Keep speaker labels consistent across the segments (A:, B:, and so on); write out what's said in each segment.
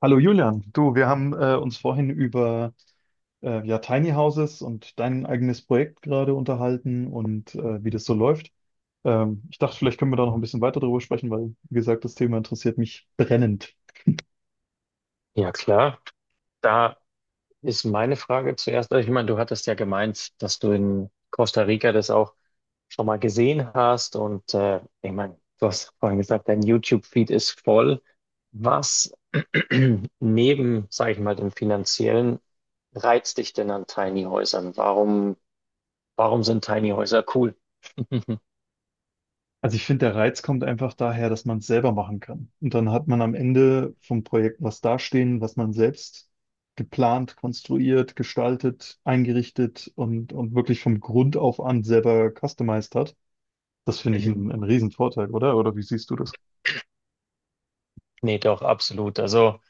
A: Hallo Julian, du, wir haben uns vorhin über ja, Tiny Houses und dein eigenes Projekt gerade unterhalten und wie das so läuft. Ich dachte, vielleicht können wir da noch ein bisschen weiter drüber sprechen, weil, wie gesagt, das Thema interessiert mich brennend.
B: Ja, klar. Da ist meine Frage zuerst. Also, ich meine, du hattest ja gemeint, dass du in Costa Rica das auch schon mal gesehen hast. Und ich meine, du hast vorhin gesagt, dein YouTube-Feed ist voll. Was neben, sage ich mal, dem finanziellen reizt dich denn an Tiny Häusern? Warum sind Tiny Häuser cool?
A: Also ich finde, der Reiz kommt einfach daher, dass man es selber machen kann. Und dann hat man am Ende vom Projekt was dastehen, was man selbst geplant, konstruiert, gestaltet, eingerichtet und wirklich vom Grund auf an selber customized hat. Das finde ich einen,
B: Mhm.
A: einen riesen Vorteil, oder? Oder wie siehst du das?
B: Nee, doch, absolut. Also.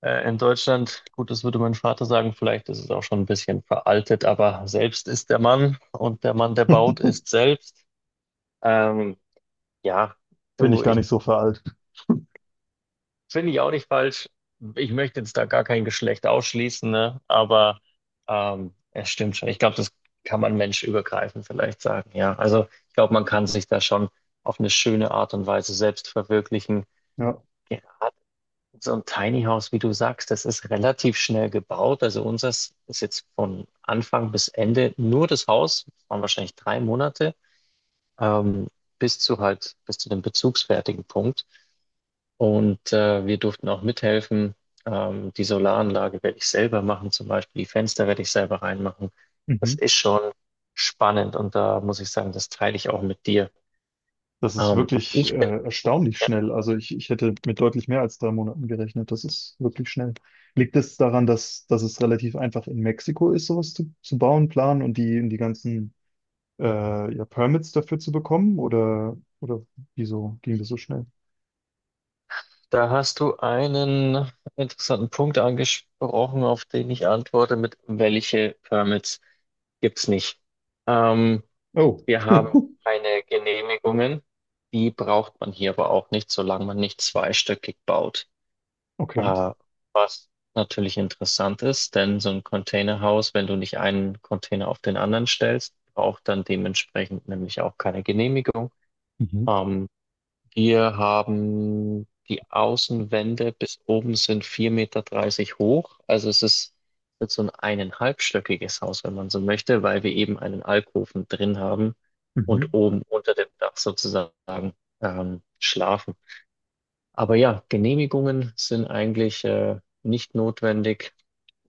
B: In Deutschland, gut, das würde mein Vater sagen, vielleicht ist es auch schon ein bisschen veraltet, aber selbst ist der Mann, und der Mann, der baut, ist selbst. Ähm, ja,
A: Bin
B: du,
A: ich gar
B: ich
A: nicht so veraltet.
B: finde ich auch nicht falsch. Ich möchte jetzt da gar kein Geschlecht ausschließen, ne? Aber es stimmt schon. Ich glaube, das kann man menschübergreifend vielleicht sagen, ja. Also ich glaube, man kann sich da schon auf eine schöne Art und Weise selbst verwirklichen.
A: Ja.
B: Ja, so ein Tiny House, wie du sagst, das ist relativ schnell gebaut. Also unseres ist jetzt von Anfang bis Ende, nur das Haus, das waren wahrscheinlich 3 Monate, ähm, bis zu dem bezugsfertigen Punkt. Und wir durften auch mithelfen. Die Solaranlage werde ich selber machen, zum Beispiel die Fenster werde ich selber reinmachen. Das
A: Mhm.
B: ist schon spannend, und da muss ich sagen, das teile ich auch mit dir.
A: Das ist
B: Ähm,
A: wirklich
B: ich bin ja,
A: erstaunlich schnell. Also ich hätte mit deutlich mehr als 3 Monaten gerechnet. Das ist wirklich schnell. Liegt es daran, dass es relativ einfach in Mexiko ist, sowas zu bauen, planen und die ganzen ja, Permits dafür zu bekommen? Oder wieso ging das so schnell?
B: Da hast du einen interessanten Punkt angesprochen, auf den ich antworte mit: Welche Permits gibt es nicht? Ähm,
A: Oh,
B: Wir haben keine Genehmigungen, die braucht man hier aber auch nicht, solange man nicht zweistöckig baut.
A: okay.
B: Äh, Was natürlich interessant ist, denn so ein Containerhaus, wenn du nicht einen Container auf den anderen stellst, braucht dann dementsprechend nämlich auch keine Genehmigung.
A: Mhm.
B: Ähm, Wir haben die Außenwände bis oben, sind 4,30 Meter hoch. Also es ist wird so ein eineinhalbstöckiges Haus, wenn man so möchte, weil wir eben einen Alkoven drin haben und
A: Mhm.
B: oben unter dem Dach sozusagen schlafen. Aber ja, Genehmigungen sind eigentlich nicht notwendig,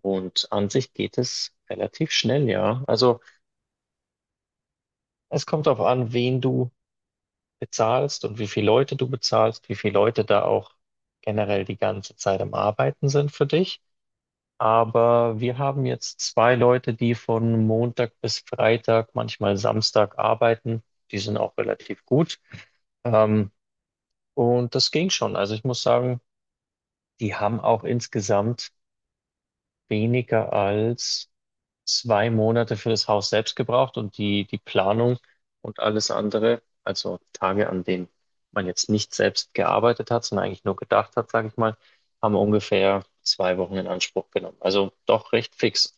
B: und an sich geht es relativ schnell, ja. Also es kommt darauf an, wen du bezahlst und wie viele Leute du bezahlst, wie viele Leute da auch generell die ganze Zeit am Arbeiten sind für dich. Aber wir haben jetzt zwei Leute, die von Montag bis Freitag, manchmal Samstag, arbeiten. Die sind auch relativ gut. Ähm, und das ging schon. Also ich muss sagen, die haben auch insgesamt weniger als 2 Monate für das Haus selbst gebraucht, und die Planung und alles andere, also Tage, an denen man jetzt nicht selbst gearbeitet hat, sondern eigentlich nur gedacht hat, sage ich mal, haben ungefähr 2 Wochen in Anspruch genommen. Also doch recht fix.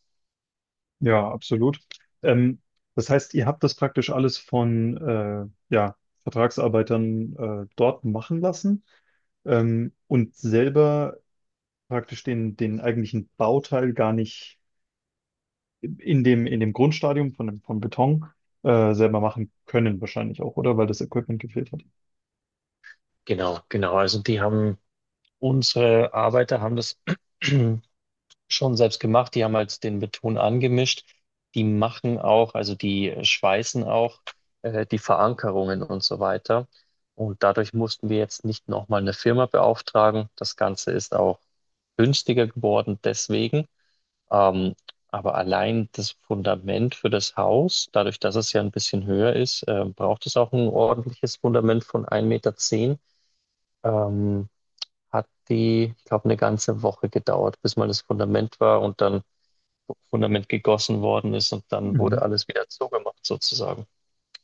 A: Ja, absolut. Ähm, Das heißt, ihr habt das praktisch alles von ja, Vertragsarbeitern dort machen lassen, und selber praktisch den eigentlichen Bauteil gar nicht in dem Grundstadium vom Beton selber machen können, wahrscheinlich auch, oder? Weil das Equipment gefehlt hat.
B: Genau, genau. Also unsere Arbeiter haben das schon selbst gemacht. Die haben halt den Beton angemischt. Die machen auch, also die schweißen auch die Verankerungen und so weiter. Und dadurch mussten wir jetzt nicht nochmal eine Firma beauftragen. Das Ganze ist auch günstiger geworden deswegen. Ähm, aber allein das Fundament für das Haus, dadurch, dass es ja ein bisschen höher ist, braucht es auch ein ordentliches Fundament von 1,10 Meter. Ähm, hat die, ich glaube, eine ganze Woche gedauert, bis mal das Fundament war und dann Fundament gegossen worden ist, und dann
A: Mhm.
B: wurde alles wieder zugemacht sozusagen.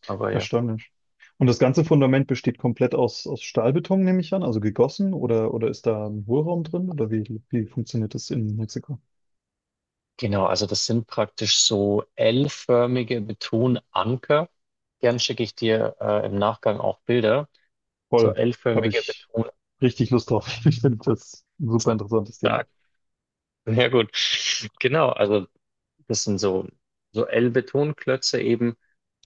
B: Aber ja.
A: Erstaunlich. Und das ganze Fundament besteht komplett aus Stahlbeton, nehme ich an, also gegossen, oder ist da ein Hohlraum drin? Oder wie funktioniert das in Mexiko?
B: Genau, also das sind praktisch so L-förmige Betonanker. Gern schicke ich dir im Nachgang auch Bilder. So
A: Voll. Habe
B: L-förmige
A: ich
B: Betonanker.
A: richtig Lust drauf. Ich finde das ein super interessantes Thema.
B: Ja, gut. Genau, also das sind so L-Betonklötze eben,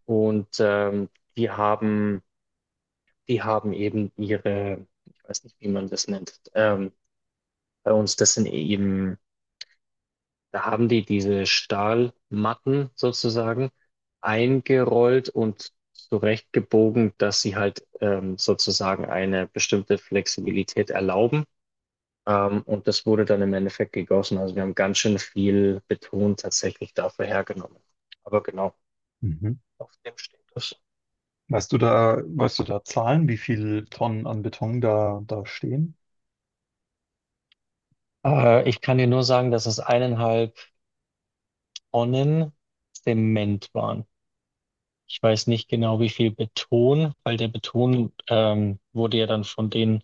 B: und die haben, die haben eben ihre, ich weiß nicht, wie man das nennt, bei uns, das sind eben da haben die diese Stahlmatten sozusagen eingerollt und zurechtgebogen, dass sie halt sozusagen eine bestimmte Flexibilität erlauben. Und das wurde dann im Endeffekt gegossen. Also wir haben ganz schön viel Beton tatsächlich dafür hergenommen. Aber genau,
A: Mhm.
B: auf dem steht das.
A: Weißt du da Zahlen, wie viel Tonnen an Beton da stehen?
B: Ich kann dir nur sagen, dass es 1,5 Tonnen Zement waren. Ich weiß nicht genau, wie viel Beton, weil der Beton wurde ja dann von den,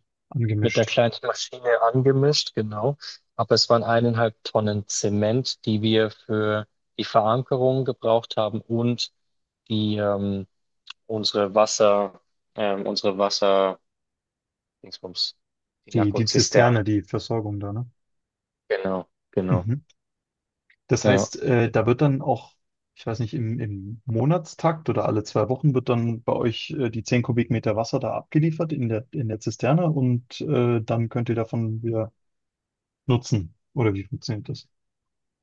B: mit der
A: Angemischt.
B: kleinen Maschine angemischt, genau. Aber es waren 1,5 Tonnen Zement, die wir für die Verankerung gebraucht haben, und die ähm, unsere Wasser, unsere Wasser, Dingsbums, die
A: Die
B: Narkozisterne.
A: Zisterne, die Versorgung da, ne?
B: Genau, genau.
A: Mhm. Das
B: Ja.
A: heißt, da wird dann auch, ich weiß nicht, im Monatstakt oder alle 2 Wochen wird dann bei euch die 10 Kubikmeter Wasser da abgeliefert in der Zisterne und dann könnt ihr davon wieder nutzen. Oder wie funktioniert das?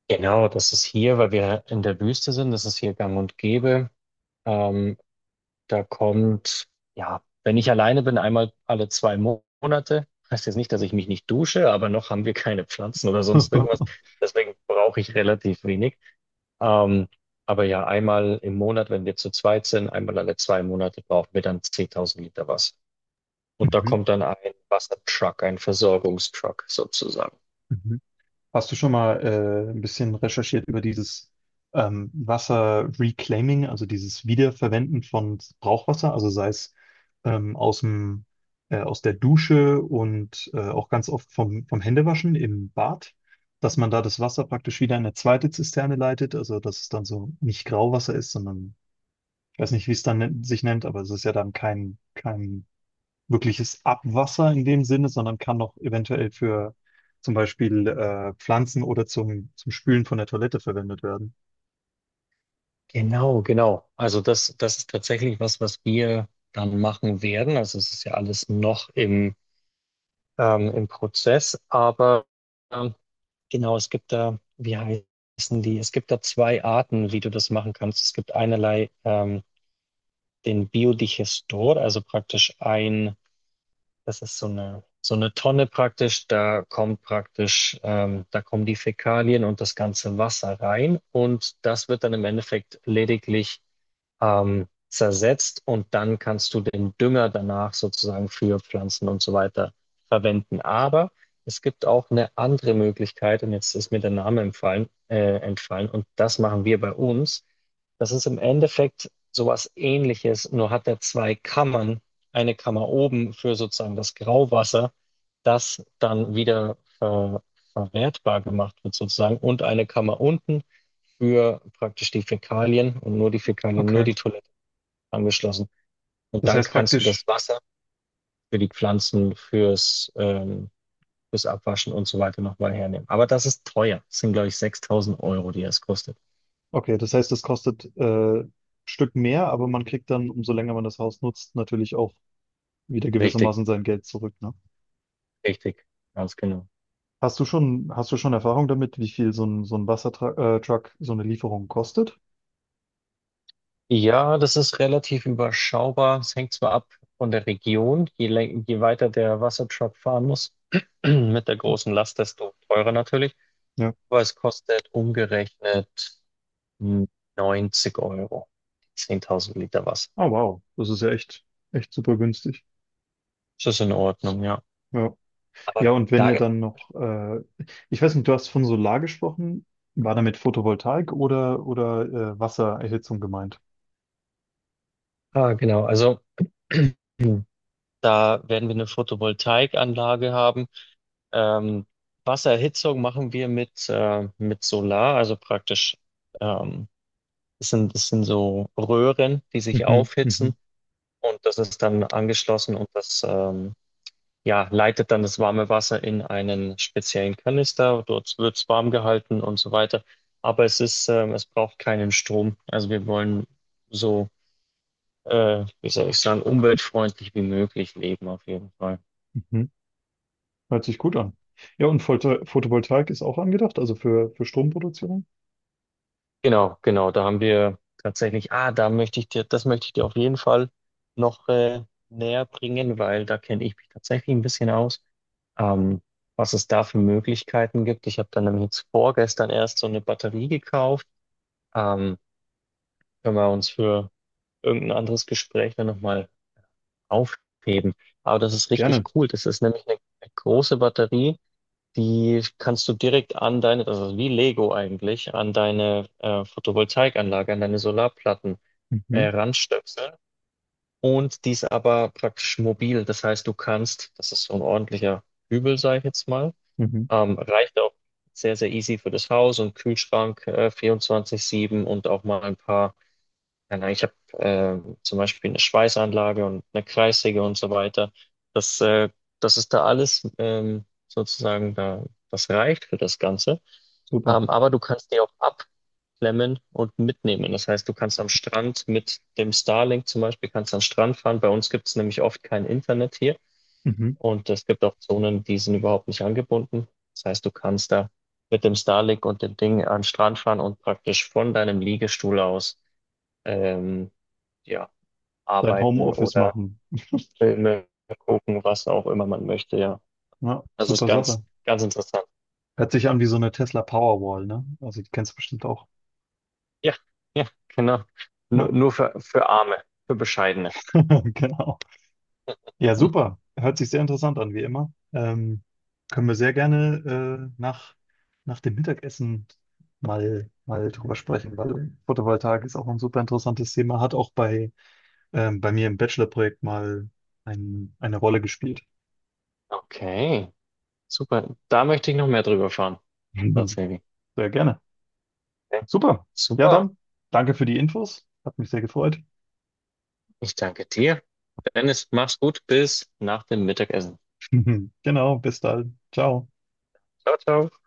B: Genau, das ist hier, weil wir in der Wüste sind, das ist hier gang und gäbe. Ähm, Da kommt, ja, wenn ich alleine bin, einmal alle zwei Monate. Heißt jetzt nicht, dass ich mich nicht dusche, aber noch haben wir keine Pflanzen oder sonst irgendwas. Deswegen brauche ich relativ wenig. Ähm, aber ja, einmal im Monat, wenn wir zu zweit sind, einmal alle 2 Monate, brauchen wir dann 10.000 Liter Wasser. Und da
A: Mhm.
B: kommt dann ein Wassertruck, ein Versorgungstruck sozusagen.
A: Mhm. Hast du schon mal ein bisschen recherchiert über dieses Wasser-Reclaiming, also dieses Wiederverwenden von Brauchwasser, also sei es ähm, aus dem, aus der Dusche und auch ganz oft vom Händewaschen im Bad, dass man da das Wasser praktisch wieder in eine zweite Zisterne leitet, also dass es dann so nicht Grauwasser ist, sondern ich weiß nicht, wie es dann sich nennt, aber es ist ja dann kein wirkliches Abwasser in dem Sinne, sondern kann noch eventuell für zum Beispiel Pflanzen oder zum Spülen von der Toilette verwendet werden.
B: Genau, genau. Also das ist tatsächlich was, was wir dann machen werden. Also es ist ja alles noch im Prozess. Aber ähm, genau, es gibt da, wie heißen die? Es gibt da zwei Arten, wie du das machen kannst. Es gibt einerlei den Biodigestor, also praktisch das ist so eine, Tonne praktisch, da kommen die Fäkalien und das ganze Wasser rein, und das wird dann im Endeffekt lediglich zersetzt, und dann kannst du den Dünger danach sozusagen für Pflanzen und so weiter verwenden. Aber es gibt auch eine andere Möglichkeit, und jetzt ist mir der Name entfallen, und das machen wir bei uns. Das ist im Endeffekt sowas Ähnliches, nur hat er zwei Kammern. Eine Kammer oben für sozusagen das Grauwasser, das dann wieder verwertbar gemacht wird sozusagen, und eine Kammer unten für praktisch die Fäkalien, und nur die Fäkalien, nur
A: Okay.
B: die Toilette angeschlossen. Und
A: Das
B: dann
A: heißt
B: kannst du das
A: praktisch,
B: Wasser für die Pflanzen, fürs Abwaschen und so weiter nochmal hernehmen. Aber das ist teuer. Das sind, glaube ich, 6.000 Euro, die das kostet.
A: okay, das heißt, das kostet ein Stück mehr, aber man kriegt dann, umso länger man das Haus nutzt, natürlich auch wieder
B: Richtig,
A: gewissermaßen sein Geld zurück, ne?
B: richtig, ganz genau.
A: Hast du schon Erfahrung damit, wie viel so ein Wassertruck, Truck, so eine Lieferung kostet?
B: Ja, das ist relativ überschaubar. Es hängt zwar ab von der Region. Je weiter der Wassertruck fahren muss, mit der großen Last, desto teurer natürlich.
A: Ja.
B: Aber es kostet umgerechnet Hm, 90 Euro. 10.000 Liter Wasser.
A: Oh, wow. Das ist ja echt, echt super günstig.
B: Das ist in Ordnung, ja.
A: Ja.
B: Aber
A: Ja, und wenn
B: da,
A: ihr dann noch, ich weiß nicht, du hast von Solar gesprochen, war damit Photovoltaik oder Wassererhitzung gemeint?
B: genau, also da werden wir eine Photovoltaikanlage haben. Ähm, Wassererhitzung machen wir mit Solar, also praktisch, ähm, das sind so Röhren, die sich
A: Mhm,
B: aufhitzen,
A: mhm,
B: und das ist dann angeschlossen, und das, ja, leitet dann das warme Wasser in einen speziellen Kanister, dort wird es warm gehalten und so weiter. Aber es braucht keinen Strom. Also wir wollen so, wie soll ich sagen, umweltfreundlich wie möglich leben auf jeden Fall.
A: mhm. Hört sich gut an. Ja, und Photovoltaik ist auch angedacht, also für Stromproduktion?
B: Genau, genau, da haben wir tatsächlich, da möchte ich dir, das möchte ich dir auf jeden Fall noch näher bringen, weil da kenne ich mich tatsächlich ein bisschen aus. Ähm, Was es da für Möglichkeiten gibt. Ich habe dann nämlich jetzt vorgestern erst so eine Batterie gekauft. Ähm, Können wir uns für irgendein anderes Gespräch dann nochmal aufheben. Aber das ist richtig
A: Gerne.
B: cool. Das ist nämlich eine große Batterie, die kannst du direkt an deine, also wie Lego eigentlich, an deine Photovoltaikanlage, an deine Solarplatten
A: Mhm,
B: ranstöpseln. Und die ist aber praktisch mobil. Das heißt, du kannst, das ist so ein ordentlicher Übel, sage ich jetzt mal,
A: mhm,
B: reicht auch sehr, sehr easy für das Haus und Kühlschrank 24/7, und auch mal ein paar, keine Ahnung, ich habe zum Beispiel eine Schweißanlage und eine Kreissäge und so weiter. Das, äh, das ist da alles sozusagen da, das reicht für das Ganze.
A: super.
B: Aber du kannst die auch abklemmen und mitnehmen. Das heißt, du kannst am Strand mit dem Starlink, zum Beispiel, kannst am Strand fahren. Bei uns gibt es nämlich oft kein Internet hier,
A: Mhm.
B: und es gibt auch Zonen, die sind überhaupt nicht angebunden. Das heißt, du kannst da mit dem Starlink und dem Ding an den Strand fahren und praktisch von deinem Liegestuhl aus ähm, ja,
A: Dein
B: arbeiten
A: Homeoffice
B: oder
A: machen.
B: Filme gucken, was auch immer man möchte, ja.
A: Ja,
B: Das ist
A: super Sache.
B: ganz, ganz interessant.
A: Hört sich an wie so eine Tesla Powerwall, ne? Also die kennst du bestimmt auch.
B: Ja, ja, genau. Nur,
A: Ja,
B: nur für Arme, für Bescheidene.
A: genau. Ja, super. Hört sich sehr interessant an, wie immer. Können wir sehr gerne nach dem Mittagessen mal drüber sprechen, weil Photovoltaik ist auch ein super interessantes Thema, hat auch bei mir im Bachelorprojekt mal eine Rolle gespielt.
B: Okay, super. Da möchte ich noch mehr drüber fahren,
A: Mhm.
B: tatsächlich.
A: Sehr gerne.
B: Okay.
A: Super. Ja,
B: Super.
A: dann danke für die Infos. Hat mich sehr gefreut.
B: Ich danke dir. Dennis, mach's gut. Bis nach dem Mittagessen.
A: Genau, bis dann. Ciao.
B: Ciao, ciao.